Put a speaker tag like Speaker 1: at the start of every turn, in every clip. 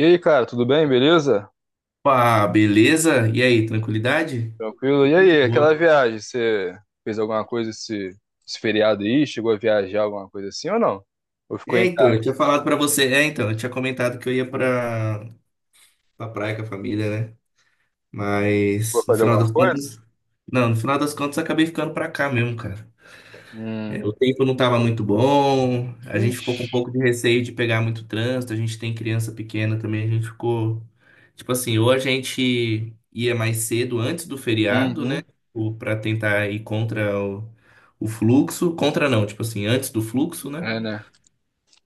Speaker 1: E aí, cara, tudo bem? Beleza?
Speaker 2: Opa, beleza? E aí, tranquilidade?
Speaker 1: Tranquilo?
Speaker 2: Aqui,
Speaker 1: E
Speaker 2: tá de
Speaker 1: aí,
Speaker 2: boa.
Speaker 1: aquela viagem, você fez alguma coisa esse feriado aí? Chegou a viajar alguma coisa assim ou não? Ou ficou
Speaker 2: É,
Speaker 1: em
Speaker 2: então,
Speaker 1: casa?
Speaker 2: eu tinha falado pra você. É, então, eu tinha comentado que eu ia pra praia com a família, né?
Speaker 1: Chegou
Speaker 2: Mas no
Speaker 1: fazer
Speaker 2: final
Speaker 1: alguma
Speaker 2: das
Speaker 1: coisa?
Speaker 2: contas. Não, no final das contas eu acabei ficando pra cá mesmo, cara.
Speaker 1: Hum.
Speaker 2: É, o tempo não estava muito bom, a gente
Speaker 1: Ixi.
Speaker 2: ficou com um pouco de receio de pegar muito trânsito, a gente tem criança pequena também, a gente ficou. Tipo assim, ou a gente ia mais cedo antes do feriado, né?
Speaker 1: Uhum.
Speaker 2: Para tentar ir contra o fluxo. Contra não, tipo assim, antes do fluxo, né?
Speaker 1: É, né?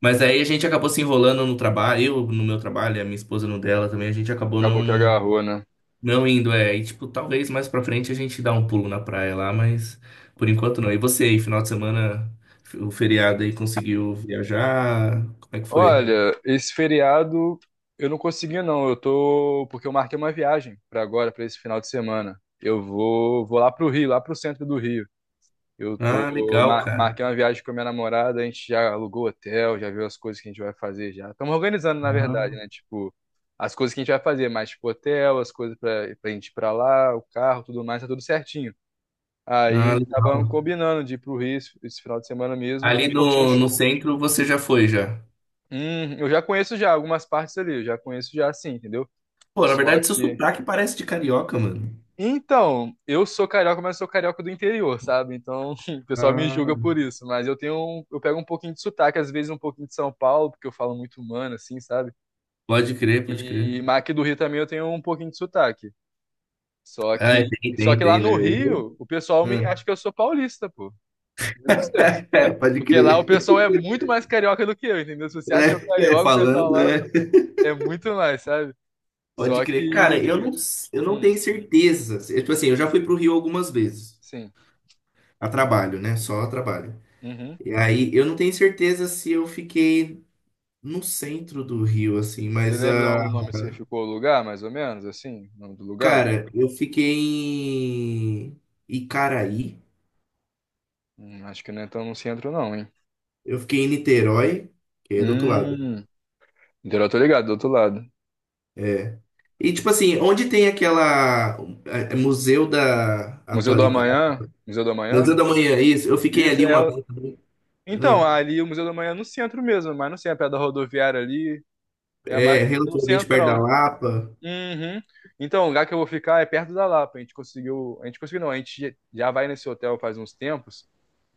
Speaker 2: Mas aí a gente acabou se enrolando no trabalho, eu no meu trabalho, e a minha esposa no dela também, a gente acabou não.
Speaker 1: Acabou que agarrou, né?
Speaker 2: Não indo, é. E, tipo, talvez mais pra frente a gente dá um pulo na praia lá, mas por enquanto não. E você aí, final de semana, o feriado aí, conseguiu viajar? Como é que foi?
Speaker 1: Olha, esse feriado eu não consegui não. Eu tô porque eu marquei uma viagem pra agora, pra esse final de semana. Eu vou lá pro Rio, lá pro centro do Rio.
Speaker 2: Ah, legal, cara.
Speaker 1: Marquei uma viagem com a minha namorada, a gente já alugou hotel, já viu as coisas que a gente vai fazer já. Estamos organizando, na verdade,
Speaker 2: Ah,
Speaker 1: né? Tipo, as coisas que a gente vai fazer, mas tipo, hotel, as coisas pra, pra gente ir pra lá, o carro, tudo mais, tá tudo certinho.
Speaker 2: ah,
Speaker 1: Aí acabamos
Speaker 2: legal.
Speaker 1: combinando de ir pro Rio esse final de semana mesmo pra
Speaker 2: Ali
Speaker 1: curtir um
Speaker 2: no
Speaker 1: show.
Speaker 2: centro você já foi, já.
Speaker 1: Eu já conheço já algumas partes ali, eu já conheço já sim, entendeu?
Speaker 2: Pô, na
Speaker 1: Só
Speaker 2: verdade, seu
Speaker 1: que
Speaker 2: sotaque parece de carioca, mano.
Speaker 1: Então, eu sou carioca, mas sou carioca do interior, sabe? Então, o pessoal me
Speaker 2: Ah,
Speaker 1: julga por isso, mas eu pego um pouquinho de sotaque, às vezes um pouquinho de São Paulo, porque eu falo muito humano assim, sabe?
Speaker 2: pode crer, pode
Speaker 1: E
Speaker 2: crer.
Speaker 1: mas aqui do Rio também eu tenho um pouquinho de sotaque. Só
Speaker 2: Ah, é,
Speaker 1: que,
Speaker 2: tem,
Speaker 1: só
Speaker 2: tem,
Speaker 1: que lá
Speaker 2: tem, né?
Speaker 1: no
Speaker 2: Eu-
Speaker 1: Rio, o pessoal me
Speaker 2: Hum.
Speaker 1: acha que eu sou paulista, pô. Juro pra você.
Speaker 2: É, pode
Speaker 1: Porque lá o
Speaker 2: crer.
Speaker 1: pessoal é muito mais carioca do que eu, entendeu? Se você acha eu
Speaker 2: É,
Speaker 1: carioca, o
Speaker 2: falando,
Speaker 1: pessoal lá
Speaker 2: né?
Speaker 1: é muito mais, sabe?
Speaker 2: Pode
Speaker 1: Só
Speaker 2: crer. Cara,
Speaker 1: que,
Speaker 2: eu não, eu, não
Speaker 1: hum,
Speaker 2: tenho certeza. Eu, tipo assim, eu já fui pro Rio algumas vezes.
Speaker 1: sim.
Speaker 2: A trabalho, né? Só a trabalho.
Speaker 1: Uhum.
Speaker 2: E aí, eu não tenho certeza se eu fiquei no centro do Rio, assim,
Speaker 1: Você
Speaker 2: mas,
Speaker 1: lembra
Speaker 2: ah,
Speaker 1: o nome se ficou o lugar, mais ou menos, assim? O nome do lugar?
Speaker 2: cara, eu fiquei em Icaraí.
Speaker 1: Acho que não é tão no centro, não, hein?
Speaker 2: Eu fiquei em Niterói, que é do outro lado.
Speaker 1: Hum, então eu tô ligado, do outro lado.
Speaker 2: É. E, tipo assim, onde tem aquela. é Museu da
Speaker 1: Museu do
Speaker 2: Atualidade.
Speaker 1: Amanhã? Museu do Amanhã?
Speaker 2: Museu da Manhã, isso. Eu fiquei
Speaker 1: Isso,
Speaker 2: ali
Speaker 1: é.
Speaker 2: uma vez também.
Speaker 1: Então,
Speaker 2: Ah,
Speaker 1: ali o Museu do Amanhã é no centro mesmo, mas não sei, é perto da rodoviária ali, é mais
Speaker 2: é,
Speaker 1: no
Speaker 2: relativamente perto
Speaker 1: centrão.
Speaker 2: da Lapa.
Speaker 1: Uhum. Então, o lugar que eu vou ficar é perto da Lapa. A gente conseguiu. A gente conseguiu, não. A gente já vai nesse hotel faz uns tempos.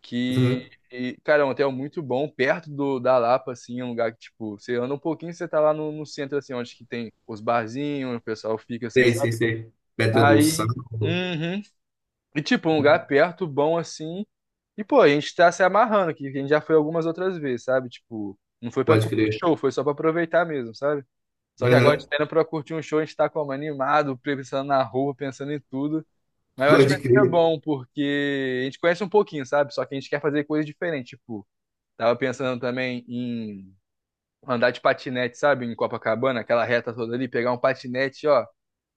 Speaker 1: Que,
Speaker 2: Uhum.
Speaker 1: e, cara, é um hotel muito bom, perto do, da Lapa, assim, é um lugar que, tipo, você anda um pouquinho, você tá lá no, no centro, assim, onde que tem os barzinhos, o pessoal fica assim,
Speaker 2: Sei,
Speaker 1: sabe?
Speaker 2: sei, sei. Pedra do Sal.
Speaker 1: Aí, uhum. E, tipo, um lugar perto, bom, assim, e, pô, a gente tá se amarrando aqui, que a gente já foi algumas outras vezes, sabe? Tipo, não foi pra
Speaker 2: Pode
Speaker 1: curtir
Speaker 2: crer.
Speaker 1: show, foi só pra aproveitar mesmo, sabe? Só que agora a
Speaker 2: Aham,
Speaker 1: gente tá indo pra curtir um show, a gente tá como animado, pensando na roupa, pensando em tudo. Mas eu acho que
Speaker 2: pode
Speaker 1: vai ser
Speaker 2: crer.
Speaker 1: bom, porque a gente conhece um pouquinho, sabe? Só que a gente quer fazer coisas diferentes, tipo, tava pensando também em andar de patinete, sabe? Em Copacabana, aquela reta toda ali, pegar um patinete, ó,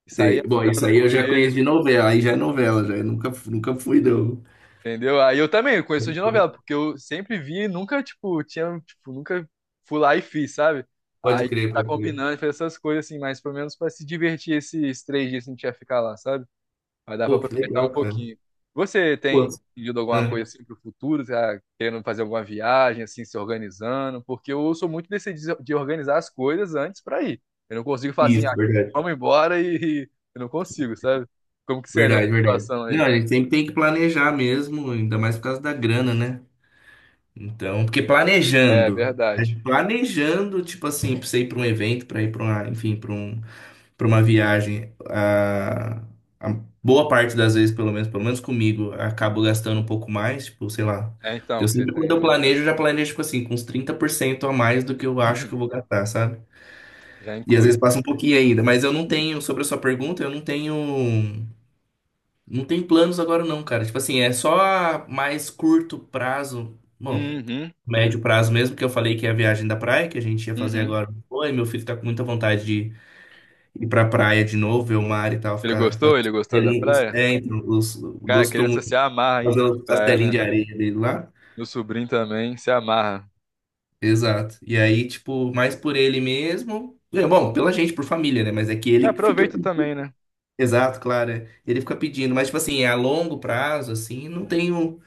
Speaker 1: e sair
Speaker 2: Sei. Bom, isso
Speaker 1: andando
Speaker 2: aí
Speaker 1: com
Speaker 2: eu já conheço
Speaker 1: ele,
Speaker 2: de novela, aí já é novela, já. Eu nunca, nunca fui, não.
Speaker 1: entendeu? Aí eu também conheço de novela, porque eu sempre vi e nunca, tipo, tinha, tipo, nunca fui lá e fiz, sabe?
Speaker 2: Pode
Speaker 1: Aí
Speaker 2: crer,
Speaker 1: tá
Speaker 2: pode crer.
Speaker 1: combinando, fez essas coisas assim, mas pelo menos pra se divertir esses 3 dias que a gente ia ficar lá, sabe? Vai dar pra
Speaker 2: Pô, que
Speaker 1: aproveitar um
Speaker 2: legal, cara.
Speaker 1: pouquinho. Você
Speaker 2: Pô,
Speaker 1: tem pedido alguma coisa
Speaker 2: ah,
Speaker 1: assim pro futuro? Tá querendo fazer alguma viagem, assim, se organizando? Porque eu sou muito desse de organizar as coisas antes pra ir. Eu não consigo falar assim, ah,
Speaker 2: isso, verdade.
Speaker 1: vamos embora e e eu não consigo, sabe? Como que você é nessa
Speaker 2: Verdade, verdade.
Speaker 1: situação aí?
Speaker 2: Não, a gente sempre tem que planejar mesmo, ainda mais por causa da grana, né? Então, porque
Speaker 1: É
Speaker 2: planejando,
Speaker 1: verdade.
Speaker 2: tipo assim, pra você ir pra um evento, pra ir pra uma, enfim, pra um. Para uma viagem, a boa parte das vezes, pelo menos comigo, acabo gastando um pouco mais, tipo, sei lá.
Speaker 1: É então
Speaker 2: Eu
Speaker 1: que você
Speaker 2: sempre, quando
Speaker 1: tem
Speaker 2: eu
Speaker 1: um
Speaker 2: planejo,
Speaker 1: lugar.
Speaker 2: eu já planejo, tipo assim, com uns 30% a mais do que eu acho que eu
Speaker 1: Uhum.
Speaker 2: vou gastar, sabe?
Speaker 1: Já
Speaker 2: E às
Speaker 1: inclui.
Speaker 2: vezes passa um pouquinho ainda, mas eu não tenho, sobre a sua pergunta, eu não tenho planos agora não, cara. Tipo assim, é só a mais curto prazo, bom,
Speaker 1: Uhum,
Speaker 2: médio prazo mesmo, que eu falei que é a viagem da praia, que a gente ia fazer
Speaker 1: uhum.
Speaker 2: agora. Oi, meu filho tá com muita vontade de ir pra praia de novo, ver o mar e tal,
Speaker 1: Ele
Speaker 2: ficar
Speaker 1: gostou?
Speaker 2: fazendo
Speaker 1: Ele
Speaker 2: os
Speaker 1: gostou da
Speaker 2: castelinhos.
Speaker 1: praia?
Speaker 2: É, então,
Speaker 1: Cara,
Speaker 2: gostou
Speaker 1: criança
Speaker 2: muito de
Speaker 1: se amarra em
Speaker 2: fazer
Speaker 1: em
Speaker 2: os
Speaker 1: praia,
Speaker 2: castelinhos
Speaker 1: né?
Speaker 2: de areia dele lá.
Speaker 1: Meu sobrinho também se amarra.
Speaker 2: Exato. E aí, tipo, mais por ele mesmo. É, bom, pela gente, por família, né? Mas é que
Speaker 1: É,
Speaker 2: ele que fica.
Speaker 1: aproveita também, né?
Speaker 2: Exato, claro. É. Ele fica pedindo. Mas, tipo assim, é a longo prazo, assim, não tenho.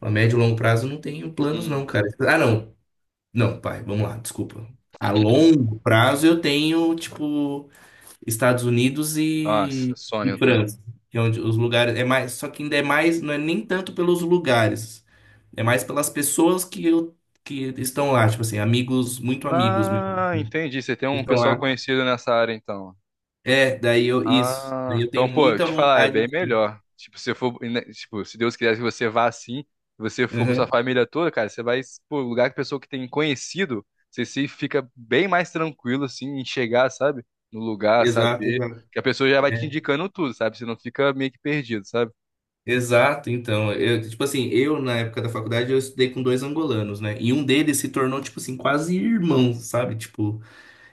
Speaker 2: A médio e longo prazo, não tenho planos, não,
Speaker 1: Uhum.
Speaker 2: cara. Ah, não. Não, pai, vamos lá, desculpa. A longo prazo, eu tenho, tipo. Estados Unidos e,
Speaker 1: Nossa,
Speaker 2: e
Speaker 1: sonho, tá?
Speaker 2: França, que é onde os lugares é mais, só que ainda é mais, não é nem tanto pelos lugares, é mais pelas pessoas que estão lá, tipo assim, amigos, muito amigos meus
Speaker 1: Ah, entendi. Você tem
Speaker 2: que
Speaker 1: um
Speaker 2: estão
Speaker 1: pessoal
Speaker 2: lá.
Speaker 1: conhecido nessa área, então.
Speaker 2: É, daí
Speaker 1: Ah,
Speaker 2: eu
Speaker 1: então,
Speaker 2: tenho
Speaker 1: pô, eu
Speaker 2: muita
Speaker 1: te falar, é
Speaker 2: vontade
Speaker 1: bem
Speaker 2: de ir.
Speaker 1: melhor. Tipo, se for, né, tipo, se Deus quiser que você vá assim, se você for com sua
Speaker 2: Uhum.
Speaker 1: família toda, cara, você vai pro lugar que pessoa que tem conhecido, você se fica bem mais tranquilo, assim, em chegar, sabe? No lugar,
Speaker 2: Exato,
Speaker 1: saber
Speaker 2: exato.
Speaker 1: que a pessoa já vai te
Speaker 2: É,
Speaker 1: indicando tudo, sabe? Você não fica meio que perdido, sabe?
Speaker 2: exato, então, eu, tipo assim, eu na época da faculdade eu estudei com dois angolanos, né? E um deles se tornou, tipo assim, quase irmão, sabe? Tipo,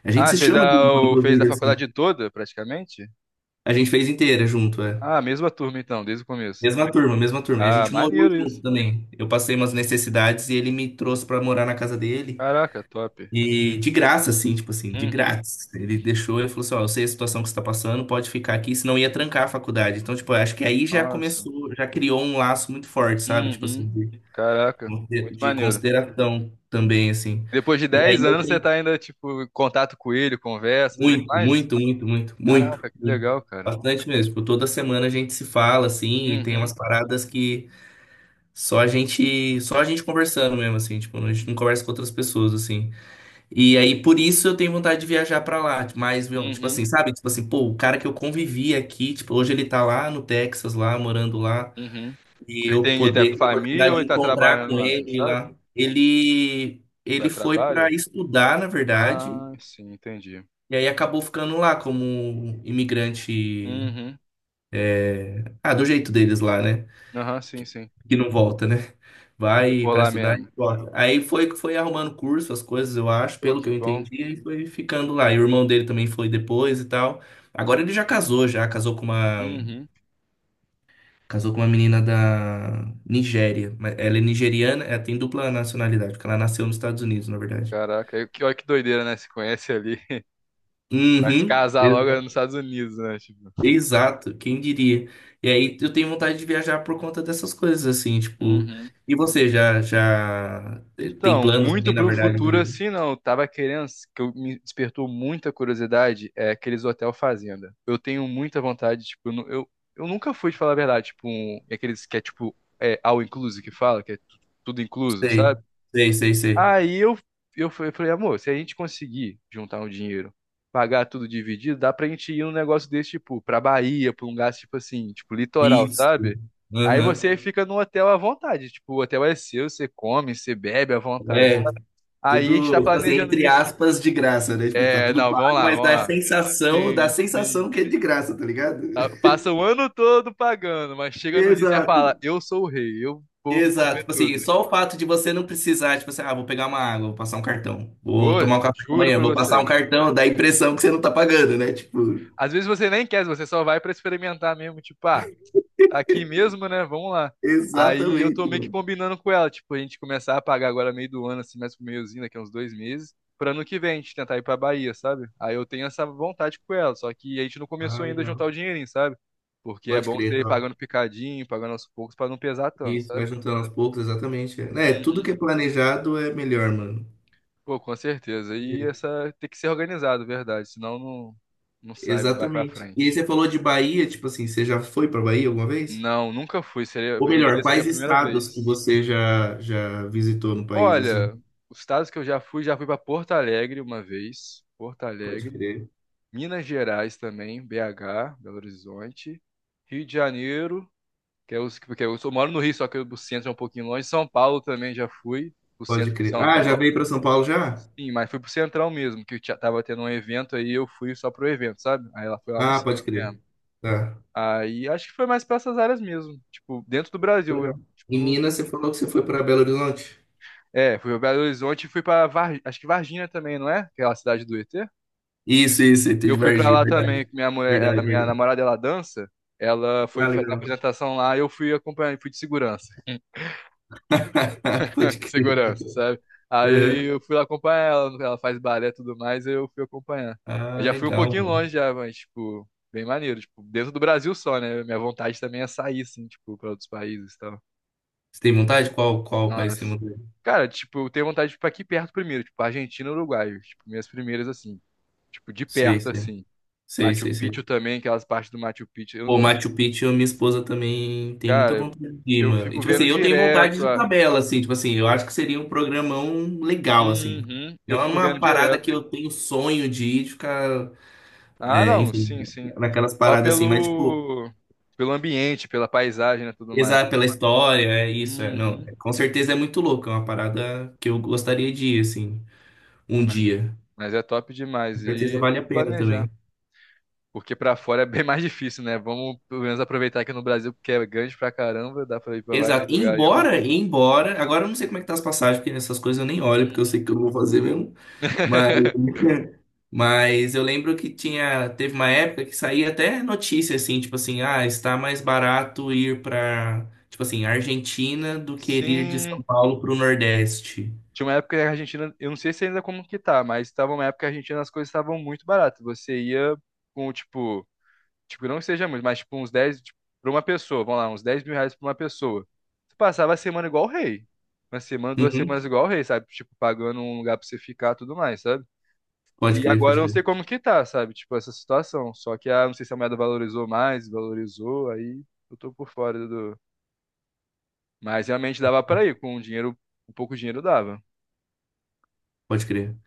Speaker 2: a gente
Speaker 1: Ah,
Speaker 2: se chama de irmão,
Speaker 1: fez a
Speaker 2: inclusive, assim.
Speaker 1: faculdade toda, praticamente?
Speaker 2: A gente fez inteira junto, é.
Speaker 1: Ah, mesma turma, então, desde o começo.
Speaker 2: Mesma turma, mesma turma. E a
Speaker 1: Ah,
Speaker 2: gente morou
Speaker 1: maneiro isso.
Speaker 2: junto também. Eu passei umas necessidades e ele me trouxe pra morar na casa dele.
Speaker 1: Caraca, top.
Speaker 2: E de graça, assim, tipo assim, de
Speaker 1: Uhum,
Speaker 2: grátis. Ele deixou, ele falou assim, ó, eu sei a situação que você tá passando, pode ficar aqui, senão ia trancar a faculdade. Então, tipo, eu acho que aí já
Speaker 1: nossa,
Speaker 2: começou, já criou um laço muito forte, sabe? Tipo assim,
Speaker 1: uhum, caraca, muito
Speaker 2: de
Speaker 1: maneiro.
Speaker 2: consideração também, assim.
Speaker 1: Depois de
Speaker 2: E aí
Speaker 1: 10
Speaker 2: eu
Speaker 1: anos você
Speaker 2: tenho
Speaker 1: tá ainda, tipo, em contato com ele, conversa, tudo
Speaker 2: muito,
Speaker 1: mais?
Speaker 2: muito, muito, muito, muito,
Speaker 1: Caraca, que
Speaker 2: muito.
Speaker 1: legal, cara.
Speaker 2: Bastante mesmo. Tipo, toda semana a gente se fala, assim, e tem
Speaker 1: Uhum,
Speaker 2: umas paradas que só a gente, só a gente conversando mesmo, assim, tipo, a gente não conversa com outras pessoas, assim. E aí, por isso, eu tenho vontade de viajar pra lá, mas, meu, tipo
Speaker 1: uhum,
Speaker 2: assim, sabe? Tipo assim, pô, o cara que eu convivi aqui, tipo, hoje ele tá lá no Texas, lá, morando lá,
Speaker 1: uhum.
Speaker 2: e
Speaker 1: Ele
Speaker 2: eu
Speaker 1: tem, ele tá com
Speaker 2: poder ter a
Speaker 1: família
Speaker 2: oportunidade
Speaker 1: ou
Speaker 2: de
Speaker 1: ele tá
Speaker 2: encontrar
Speaker 1: trabalhando
Speaker 2: com
Speaker 1: lá, você
Speaker 2: ele
Speaker 1: sabe?
Speaker 2: lá. Ele,
Speaker 1: Foi
Speaker 2: ele
Speaker 1: a
Speaker 2: foi
Speaker 1: trabalho?
Speaker 2: pra estudar, na verdade,
Speaker 1: Ah, sim, entendi.
Speaker 2: e aí acabou ficando lá como imigrante,
Speaker 1: Uhum,
Speaker 2: ah, do jeito deles lá, né?
Speaker 1: aham, sim, sim.
Speaker 2: Que não volta, né?
Speaker 1: Fica
Speaker 2: Vai
Speaker 1: por
Speaker 2: para
Speaker 1: lá
Speaker 2: estudar e
Speaker 1: mesmo.
Speaker 2: volta. Aí foi arrumando curso, as coisas, eu acho,
Speaker 1: Pô,
Speaker 2: pelo que
Speaker 1: que
Speaker 2: eu
Speaker 1: bom.
Speaker 2: entendi, e foi ficando lá. E o irmão dele também foi depois e tal. Agora ele já
Speaker 1: Uhum.
Speaker 2: casou com uma menina da Nigéria, mas ela é nigeriana, ela tem dupla nacionalidade, porque ela nasceu nos Estados Unidos, na verdade.
Speaker 1: Caraca, aí que, olha que doideira, né? Se conhece ali. Vai se
Speaker 2: Uhum.
Speaker 1: casar logo nos Estados Unidos, né? Tipo.
Speaker 2: Exato, quem diria? E aí eu tenho vontade de viajar por conta dessas coisas assim, tipo,
Speaker 1: Uhum.
Speaker 2: e você já já tem
Speaker 1: Então,
Speaker 2: planos
Speaker 1: muito
Speaker 2: aí, na
Speaker 1: pro
Speaker 2: verdade,
Speaker 1: futuro
Speaker 2: de...
Speaker 1: assim não. Eu tava querendo, que eu, me despertou muita curiosidade, é aqueles hotel fazenda. Eu tenho muita vontade, tipo, eu nunca fui, de falar a verdade, tipo, um, aqueles que é tipo, é, all inclusive que fala, que é tudo incluso,
Speaker 2: Sei,
Speaker 1: sabe?
Speaker 2: sei, sei, sei.
Speaker 1: Aí eu, eu falei, amor, se a gente conseguir juntar um dinheiro, pagar tudo dividido, dá pra gente ir num negócio desse, tipo, pra Bahia, pra um lugar, tipo assim, tipo, litoral,
Speaker 2: Isso.
Speaker 1: sabe? Aí
Speaker 2: Aham.
Speaker 1: você uhum, fica num hotel à vontade, tipo, o hotel é seu, você come, você bebe à vontade,
Speaker 2: É,
Speaker 1: sabe? Aí a gente tá
Speaker 2: tudo, tipo assim,
Speaker 1: planejando
Speaker 2: entre
Speaker 1: isso.
Speaker 2: aspas, de graça, né? Tipo, tá
Speaker 1: É,
Speaker 2: tudo
Speaker 1: não,
Speaker 2: pago,
Speaker 1: vamos lá,
Speaker 2: mas
Speaker 1: vamos lá.
Speaker 2: dá a
Speaker 1: Sim,
Speaker 2: sensação
Speaker 1: sim.
Speaker 2: que é de graça, tá ligado?
Speaker 1: Passa o ano todo pagando, mas chega no dia e você fala,
Speaker 2: Exato.
Speaker 1: eu sou o rei, eu vou
Speaker 2: Exato.
Speaker 1: comer
Speaker 2: Tipo assim,
Speaker 1: tudo.
Speaker 2: só o fato de você não precisar, tipo assim, ah, vou pegar uma água, vou passar um cartão, vou
Speaker 1: Pô,
Speaker 2: tomar um café da
Speaker 1: juro
Speaker 2: manhã,
Speaker 1: pra
Speaker 2: vou passar um
Speaker 1: você.
Speaker 2: cartão, dá a impressão que você não tá pagando, né? Tipo,
Speaker 1: Às vezes você nem quer, você só vai pra experimentar mesmo, tipo, ah, tá aqui mesmo, né? Vamos lá. Aí eu tô
Speaker 2: exatamente,
Speaker 1: meio que
Speaker 2: mano.
Speaker 1: combinando com ela, tipo, a gente começar a pagar agora meio do ano, assim, mais pro meiozinho, daqui a uns 2 meses, pra ano que vem a gente tentar ir pra Bahia, sabe? Aí eu tenho essa vontade com ela, só que a gente não
Speaker 2: Ah,
Speaker 1: começou ainda a juntar o
Speaker 2: legal.
Speaker 1: dinheirinho, sabe? Porque é
Speaker 2: Pode
Speaker 1: bom
Speaker 2: crer,
Speaker 1: você ir
Speaker 2: tá.
Speaker 1: pagando picadinho, pagando aos poucos pra não pesar tanto,
Speaker 2: Isso, vai
Speaker 1: sabe?
Speaker 2: juntando aos poucos, exatamente. É, tudo
Speaker 1: Uhum.
Speaker 2: que é planejado é melhor, mano.
Speaker 1: Pô, com certeza. E essa tem que ser organizado, verdade, senão não, não sai, não vai pra
Speaker 2: Exatamente. E aí
Speaker 1: frente.
Speaker 2: você falou de Bahia, tipo assim, você já foi pra Bahia alguma vez?
Speaker 1: Não, nunca fui. Seria,
Speaker 2: Ou melhor,
Speaker 1: ia ser a
Speaker 2: quais
Speaker 1: primeira
Speaker 2: estados que
Speaker 1: vez.
Speaker 2: você já já visitou no país assim?
Speaker 1: Olha, os estados que eu já fui para Porto Alegre uma vez. Porto
Speaker 2: Pode
Speaker 1: Alegre.
Speaker 2: crer.
Speaker 1: Minas Gerais também, BH, Belo Horizonte. Rio de Janeiro, que é os, porque eu sou, moro no Rio, só que o centro é um pouquinho longe. São Paulo também já fui. O
Speaker 2: Pode
Speaker 1: centro de
Speaker 2: crer.
Speaker 1: São
Speaker 2: Ah, já
Speaker 1: Paulo.
Speaker 2: veio pra São Paulo já?
Speaker 1: Sim, mas fui pro Central mesmo, que tava tendo um evento aí, eu fui só pro evento, sabe? Aí ela foi lá no
Speaker 2: Ah,
Speaker 1: centro
Speaker 2: pode crer.
Speaker 1: mesmo.
Speaker 2: Tá.
Speaker 1: Aí acho que foi mais pra essas áreas mesmo. Tipo, dentro do Brasil. Eu,
Speaker 2: Legal.
Speaker 1: tipo,
Speaker 2: Em Minas você falou que você foi pra Belo Horizonte?
Speaker 1: é, fui pra Belo Horizonte e fui pra acho que Varginha também, não é? Aquela cidade do ET.
Speaker 2: Isso, tem
Speaker 1: Eu
Speaker 2: de
Speaker 1: fui pra
Speaker 2: Varginha,
Speaker 1: lá
Speaker 2: verdade,
Speaker 1: também, que minha mulher,
Speaker 2: verdade,
Speaker 1: a minha
Speaker 2: verdade.
Speaker 1: namorada, ela dança. Ela foi
Speaker 2: Ah,
Speaker 1: fazer a
Speaker 2: legal.
Speaker 1: apresentação lá e eu fui acompanhar, fui de segurança.
Speaker 2: Pode
Speaker 1: De
Speaker 2: crer.
Speaker 1: segurança, sabe? Aí
Speaker 2: Aham.
Speaker 1: eu fui lá acompanhar ela, ela faz balé e tudo mais, aí eu fui acompanhar. Mas
Speaker 2: Ah,
Speaker 1: já fui um
Speaker 2: legal,
Speaker 1: pouquinho
Speaker 2: mano.
Speaker 1: longe já, mas, tipo, bem maneiro. Tipo, dentro do Brasil só, né? Minha vontade também é sair, assim, tipo, pra outros países e tal.
Speaker 2: Você tem vontade? Qual qual país você tem
Speaker 1: Nossa.
Speaker 2: vontade?
Speaker 1: Cara, tipo, eu tenho vontade de ir pra aqui perto primeiro, tipo, Argentina e Uruguai. Tipo, minhas primeiras, assim. Tipo, de
Speaker 2: Sei,
Speaker 1: perto,
Speaker 2: sei.
Speaker 1: assim.
Speaker 2: Sei,
Speaker 1: Machu
Speaker 2: sei,
Speaker 1: Picchu
Speaker 2: sei.
Speaker 1: também, aquelas partes do Machu Picchu.
Speaker 2: Pô, Machu Picchu, minha esposa também tem muita
Speaker 1: Cara,
Speaker 2: vontade de ir,
Speaker 1: eu
Speaker 2: mano. E,
Speaker 1: fico
Speaker 2: tipo assim,
Speaker 1: vendo
Speaker 2: eu tenho vontade
Speaker 1: direto.
Speaker 2: de
Speaker 1: Ah,
Speaker 2: tabela, assim, tipo assim, eu acho que seria um programão legal, assim.
Speaker 1: uhum, eu
Speaker 2: Não é
Speaker 1: fico vendo
Speaker 2: uma parada que
Speaker 1: direto.
Speaker 2: eu tenho sonho de ir, de ficar,
Speaker 1: Ah,
Speaker 2: é,
Speaker 1: não,
Speaker 2: enfim,
Speaker 1: sim, sim.
Speaker 2: naquelas
Speaker 1: Só
Speaker 2: paradas assim, mas, tipo,
Speaker 1: pelo, pelo ambiente, pela paisagem e tudo mais.
Speaker 2: pesar pela história, é isso, é, não.
Speaker 1: Uhum.
Speaker 2: Com certeza é muito louco, é uma parada que eu gostaria de ir, assim, um
Speaker 1: Mas,
Speaker 2: dia.
Speaker 1: mas é top demais.
Speaker 2: Com certeza
Speaker 1: E
Speaker 2: vale
Speaker 1: tem
Speaker 2: a
Speaker 1: que
Speaker 2: pena também.
Speaker 1: planejar. Porque pra fora é bem mais difícil, né? Vamos pelo menos aproveitar aqui no Brasil, porque é grande pra caramba, dá pra ir pra vários
Speaker 2: Exato.
Speaker 1: lugares ainda.
Speaker 2: Embora, embora, agora eu não sei como é que tá as passagens, porque nessas coisas eu nem olho, porque eu
Speaker 1: Uhum.
Speaker 2: sei que eu não vou fazer mesmo. Mas, mas eu lembro que tinha, teve uma época que saía até notícia assim, tipo assim, ah, está mais barato ir para, tipo assim, Argentina do que ir de São
Speaker 1: Sim.
Speaker 2: Paulo para o Nordeste.
Speaker 1: Tinha uma época que a Argentina, eu não sei se ainda como que tá, mas tava uma época que a Argentina as coisas estavam muito baratas. Você ia com, tipo, não que seja muito, mas tipo uns dez, tipo, pra uma pessoa, vamos lá, uns R$ 10 mil pra uma pessoa. Você passava a semana igual o rei. Uma semana, duas
Speaker 2: Uhum.
Speaker 1: semanas igual o rei, sabe? Tipo, pagando um lugar pra você ficar e tudo mais, sabe?
Speaker 2: Pode
Speaker 1: E
Speaker 2: crer,
Speaker 1: agora
Speaker 2: pode
Speaker 1: eu não
Speaker 2: crer,
Speaker 1: sei como que tá, sabe? Tipo, essa situação. Só que, ah, não sei se a moeda valorizou mais, valorizou, aí eu tô por fora do... Mas realmente dava pra ir, com o dinheiro, um pouco de dinheiro dava.
Speaker 2: pode crer.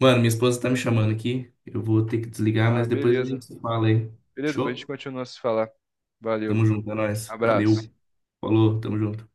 Speaker 2: Mano, minha esposa tá me chamando aqui. Eu vou ter que desligar,
Speaker 1: Ah,
Speaker 2: mas depois a gente
Speaker 1: beleza.
Speaker 2: se fala aí.
Speaker 1: Beleza, depois a gente
Speaker 2: Show?
Speaker 1: continua a se falar.
Speaker 2: Tamo
Speaker 1: Valeu,
Speaker 2: junto, é nóis. Valeu.
Speaker 1: abraço.
Speaker 2: Falou, tamo junto.